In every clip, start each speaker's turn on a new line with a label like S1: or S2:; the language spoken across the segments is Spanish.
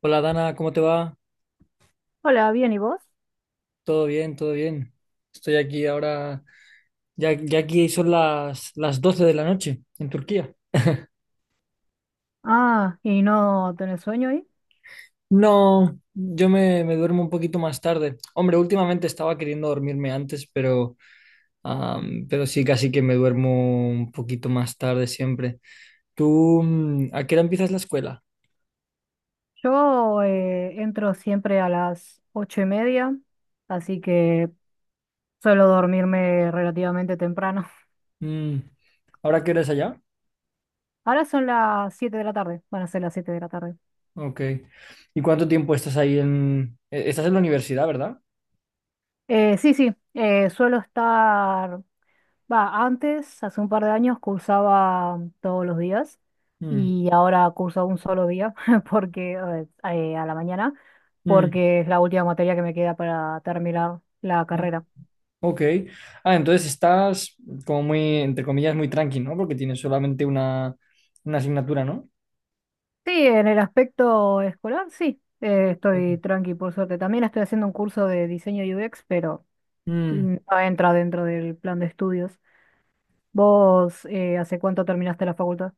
S1: Hola Dana, ¿cómo te va?
S2: Hola, bien, ¿y vos?
S1: Todo bien, todo bien. Estoy aquí ahora, ya aquí son las 12 de la noche en Turquía.
S2: Ah, ¿y no tenés sueño ahí?
S1: No, yo me duermo un poquito más tarde. Hombre, últimamente estaba queriendo dormirme antes, pero, pero sí, casi que me duermo un poquito más tarde siempre. ¿Tú a qué hora empiezas la escuela?
S2: Yo entro siempre a las 8:30, así que suelo dormirme relativamente temprano.
S1: Mm, ¿Ahora qué hora es allá?
S2: Ahora son las 7 de la tarde, van a ser las 7 de la tarde.
S1: Ok. ¿Y cuánto tiempo estás ahí en... Estás en la universidad, ¿verdad?
S2: Sí, sí, suelo estar, va, antes, hace un par de años, cursaba todos los días
S1: Mm,
S2: y ahora curso un solo día porque a la mañana,
S1: mm,
S2: porque es la última materia que me queda para terminar la
S1: mm.
S2: carrera.
S1: Ok. Ah, entonces estás como muy, entre comillas, muy tranqui, ¿no? Porque tienes solamente una asignatura, ¿no?
S2: Sí, en el aspecto escolar, sí,
S1: Ujú.
S2: estoy tranqui, por suerte. También estoy haciendo un curso de diseño UX, pero
S1: Mm,
S2: no entra dentro del plan de estudios. ¿Vos hace cuánto terminaste la facultad?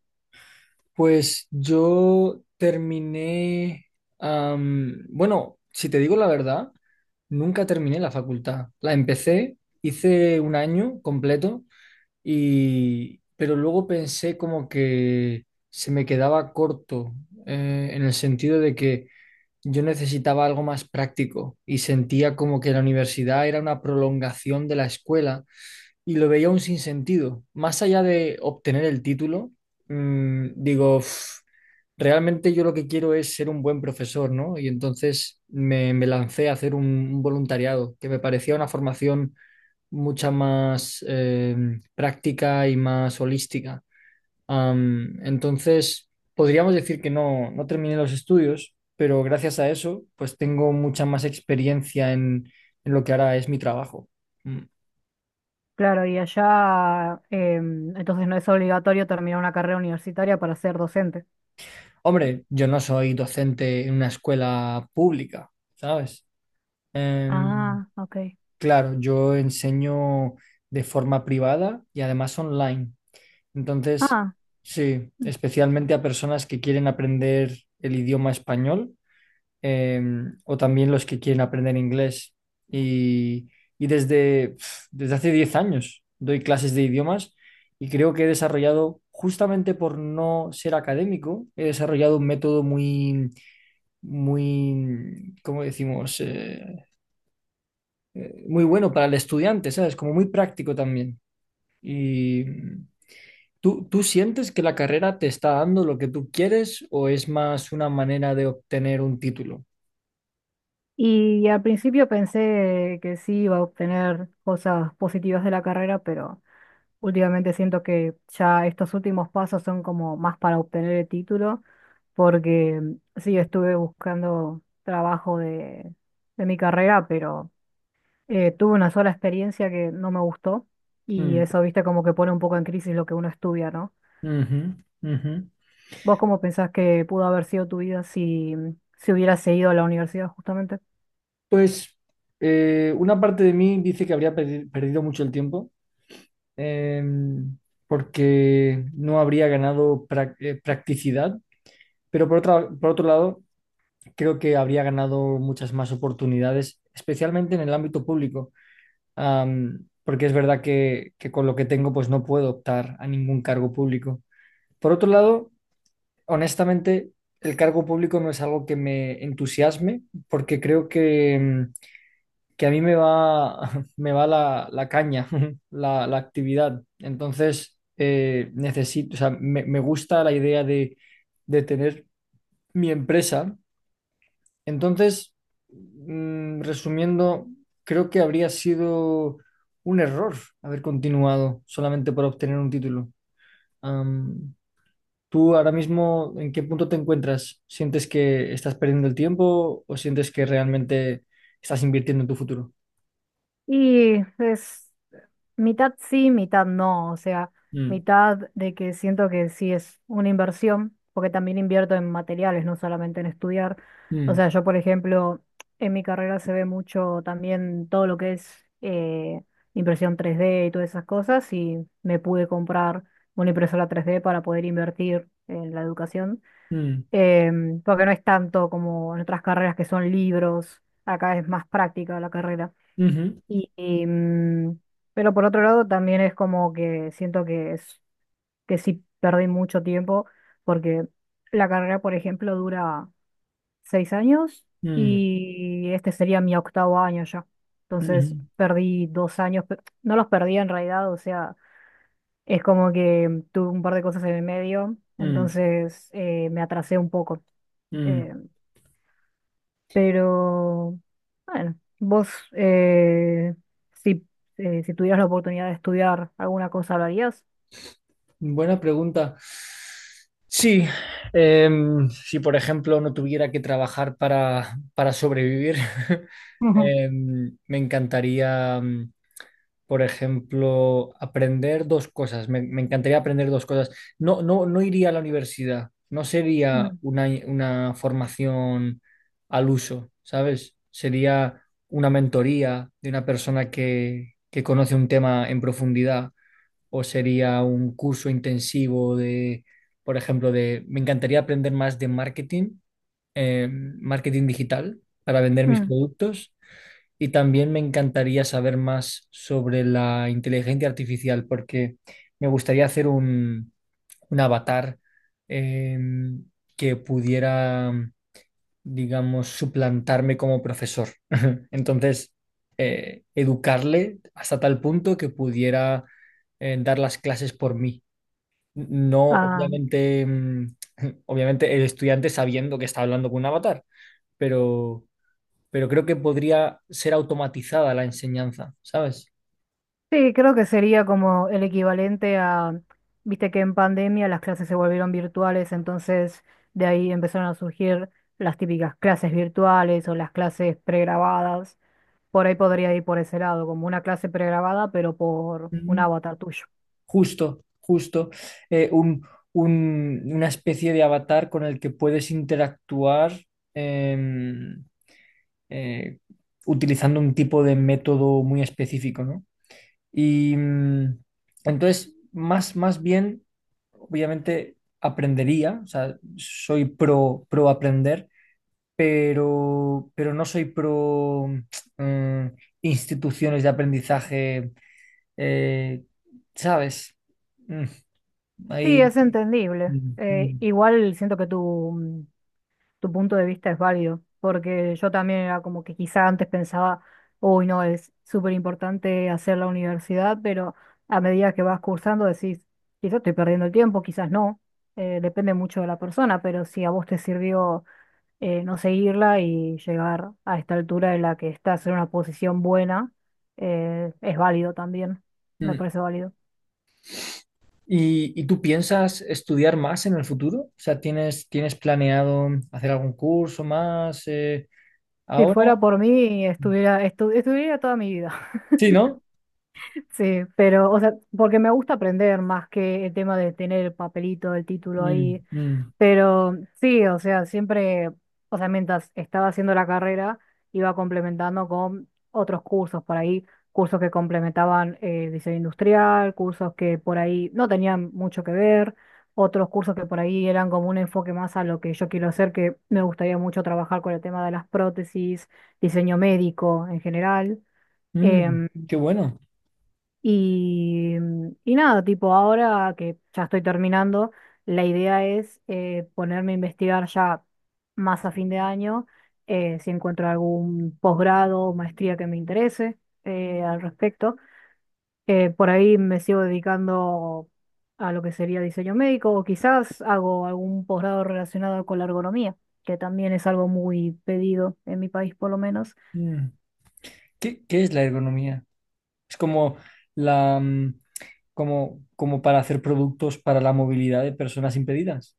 S1: pues yo terminé, bueno, si te digo la verdad, nunca terminé la facultad. La empecé, hice un año completo y, pero luego pensé como que se me quedaba corto, en el sentido de que yo necesitaba algo más práctico y sentía como que la universidad era una prolongación de la escuela y lo veía un sinsentido. Más allá de obtener el título, digo: "Uf, realmente yo lo que quiero es ser un buen profesor, ¿no?" Y entonces me lancé a hacer un voluntariado que me parecía una formación mucha más práctica y más holística. Entonces, podríamos decir que no terminé los estudios, pero gracias a eso, pues tengo mucha más experiencia en lo que ahora es mi trabajo. Mm.
S2: Claro, y allá, entonces no es obligatorio terminar una carrera universitaria para ser docente.
S1: Hombre, yo no soy docente en una escuela pública, ¿sabes? Em,
S2: Ah, ok.
S1: claro, yo enseño de forma privada y además online. Entonces,
S2: Ah,
S1: sí, especialmente a personas que quieren aprender el idioma español o también los que quieren aprender inglés. Y, y desde, pf, desde hace 10 años doy clases de idiomas y creo que he desarrollado, justamente por no ser académico, he desarrollado un método muy, muy, ¿cómo decimos? Muy bueno para el estudiante, ¿sabes? Como muy práctico también. Y ¿tú sientes que la carrera te está dando lo que tú quieres o es más una manera de obtener un título?
S2: y al principio pensé que sí iba a obtener cosas positivas de la carrera, pero. Últimamente siento que ya estos últimos pasos son como más para obtener el título, porque sí, estuve buscando trabajo de mi carrera, pero tuve una sola experiencia que no me gustó y
S1: Mm,
S2: eso, viste, como que pone un poco en crisis lo que uno estudia, ¿no?
S1: ujú, ujú.
S2: ¿Vos cómo pensás que pudo haber sido tu vida si hubieras seguido a la universidad justamente?
S1: Pues una parte de mí dice que habría perdido mucho el tiempo em, porque no habría ganado practicidad, pero por otro lado creo que habría ganado muchas más oportunidades, especialmente en el ámbito público. Porque es verdad que con lo que tengo pues no puedo optar a ningún cargo público. Por otro lado, honestamente, el cargo público no es algo que me entusiasme porque creo que... que a mí me va, me va la caña, la actividad. Entonces, necesito, o sea, me gusta la idea de tener mi empresa. Entonces, resumiendo, creo que habría sido un error haber continuado solamente para obtener un título. Am, ¿Tú ahora mismo en qué punto te encuentras? ¿Sientes que estás perdiendo el tiempo o sientes que realmente estás invirtiendo en tu futuro?
S2: Y es mitad sí, mitad no. O sea,
S1: Mm,
S2: mitad de que siento que sí es una inversión, porque también invierto en materiales, no solamente en estudiar. O
S1: mm,
S2: sea, yo, por ejemplo, en mi carrera se ve mucho también todo lo que es impresión 3D y todas esas cosas, y me pude comprar una impresora 3D para poder invertir en la educación.
S1: mm.
S2: Porque no es tanto como en otras carreras que son libros, acá es más práctica la carrera.
S1: Ujú,
S2: Y, y, mm, pero por otro lado, también es como que siento que es que sí perdí mucho tiempo porque la carrera, por ejemplo, dura 6 años
S1: mm,
S2: y este sería mi octavo año ya. Entonces
S1: ujú,
S2: perdí 2 años, no los perdí en realidad, o sea, es como que tuve un par de cosas en el medio,
S1: mm,
S2: entonces me atrasé un poco.
S1: mm, mm.
S2: Eh, Pero, bueno, vos, si, si tuvieras la oportunidad de estudiar alguna cosa, ¿lo harías?
S1: Buena pregunta. Sí, si por ejemplo no tuviera que trabajar para sobrevivir,
S2: Ujú.
S1: me encantaría. Por ejemplo, aprender dos cosas. Me encantaría aprender dos cosas. No, no, no iría a la universidad. No sería
S2: Mm,
S1: una formación al uso, ¿sabes? Sería una mentoría de una persona que conoce un tema en profundidad o sería un curso intensivo de, por ejemplo, de... Me encantaría aprender más de marketing, marketing digital para vender mis
S2: mm.
S1: productos y también me encantaría saber más sobre la inteligencia artificial, porque me gustaría hacer un avatar eh, que pudiera, digamos, suplantarme como profesor. Entonces, educarle hasta tal punto que pudiera dar las clases por mí. No,
S2: Ah,
S1: obviamente, obviamente el estudiante sabiendo que está hablando con un avatar, pero pero creo que podría ser automatizada la enseñanza, ¿sabes?
S2: sí, creo que sería como el equivalente a, viste que en pandemia las clases se volvieron virtuales, entonces de ahí empezaron a surgir las típicas clases virtuales o las clases pregrabadas. Por ahí podría ir por ese lado, como una clase pregrabada, pero por un
S1: Mm.
S2: avatar tuyo.
S1: Justo, justo. eh, un, una especie de avatar con el que puedes interactuar em, eh, utilizando un tipo de método muy específico, ¿no? Y entonces, más, más bien, obviamente, aprendería, o sea, soy pro, pro aprender pero no soy pro mm, instituciones de aprendizaje, eh, ¿sabes? Mm,
S2: Sí,
S1: ahí,
S2: es entendible.
S1: mm, mm,
S2: Igual siento que tu punto de vista es válido, porque yo también era como que quizá antes pensaba, uy, no, es súper importante hacer la universidad, pero a medida que vas cursando decís, quizás estoy perdiendo el tiempo, quizás no, depende mucho de la persona, pero si a vos te sirvió no seguirla y llegar a esta altura en la que estás en una posición buena, es válido también, me
S1: mm.
S2: parece válido.
S1: Y tú piensas estudiar más en el futuro? O sea, ¿tienes, tienes planeado hacer algún curso más
S2: Si
S1: ahora?
S2: fuera por mí, estudiaría toda mi vida.
S1: Sí, ¿no?
S2: Sí, pero, o sea, porque me gusta aprender más que el tema de tener el papelito, el título
S1: Mm,
S2: ahí.
S1: mm,
S2: Pero sí, o sea, siempre, o sea, mientras estaba haciendo la carrera, iba complementando con otros cursos por ahí, cursos que complementaban diseño industrial, cursos que por ahí no tenían mucho que ver, otros cursos que por ahí eran como un enfoque más a lo que yo quiero hacer, que me gustaría mucho trabajar con el tema de las prótesis, diseño médico en general.
S1: mm,
S2: em,
S1: qué bueno.
S2: y nada, tipo, ahora que ya estoy terminando, la idea es ponerme a investigar ya más a fin de año, si encuentro algún posgrado o maestría que me interese al respecto. Por ahí me sigo dedicando a lo que sería diseño médico o quizás hago algún posgrado relacionado con la ergonomía, que también es algo muy pedido en mi país por lo menos.
S1: Mm. ¿Qué, qué es la ergonomía? Es como la... como, como para hacer productos para la movilidad de personas impedidas.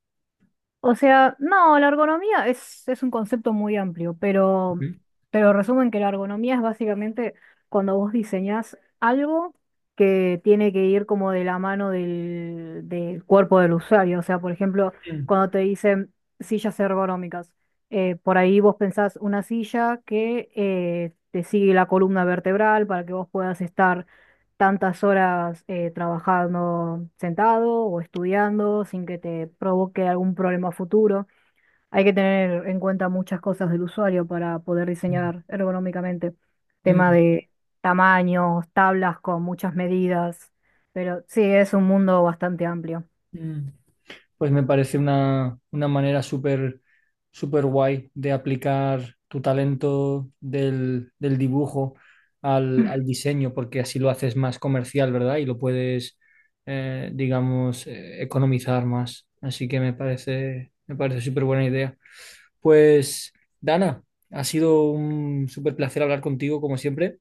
S2: O sea, no, la ergonomía es un concepto muy amplio,
S1: Ujú.
S2: pero resumen que la ergonomía es básicamente cuando vos diseñás algo que tiene que ir como de la mano del cuerpo del usuario. O sea, por ejemplo, cuando te dicen sillas ergonómicas, por ahí vos pensás una silla que te sigue la columna vertebral para que vos puedas estar tantas horas trabajando sentado o estudiando sin que te provoque algún problema futuro. Hay que tener en cuenta muchas cosas del usuario para poder
S1: Mm,
S2: diseñar ergonómicamente. Tema
S1: mm,
S2: de tamaños, tablas con muchas medidas, pero sí, es un mundo bastante amplio.
S1: mm. Pues me parece una manera súper súper guay de aplicar tu talento del, del dibujo al, al diseño, porque así lo haces más comercial, ¿verdad? Y lo puedes, digamos, economizar más. Así que me parece súper buena idea. Pues, Dana, ha sido un súper placer hablar contigo, como siempre.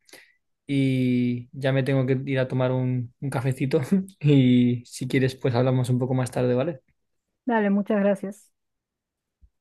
S1: Y ya me tengo que ir a tomar un cafecito y si quieres pues hablamos un poco más tarde, ¿vale?
S2: Dale, muchas gracias.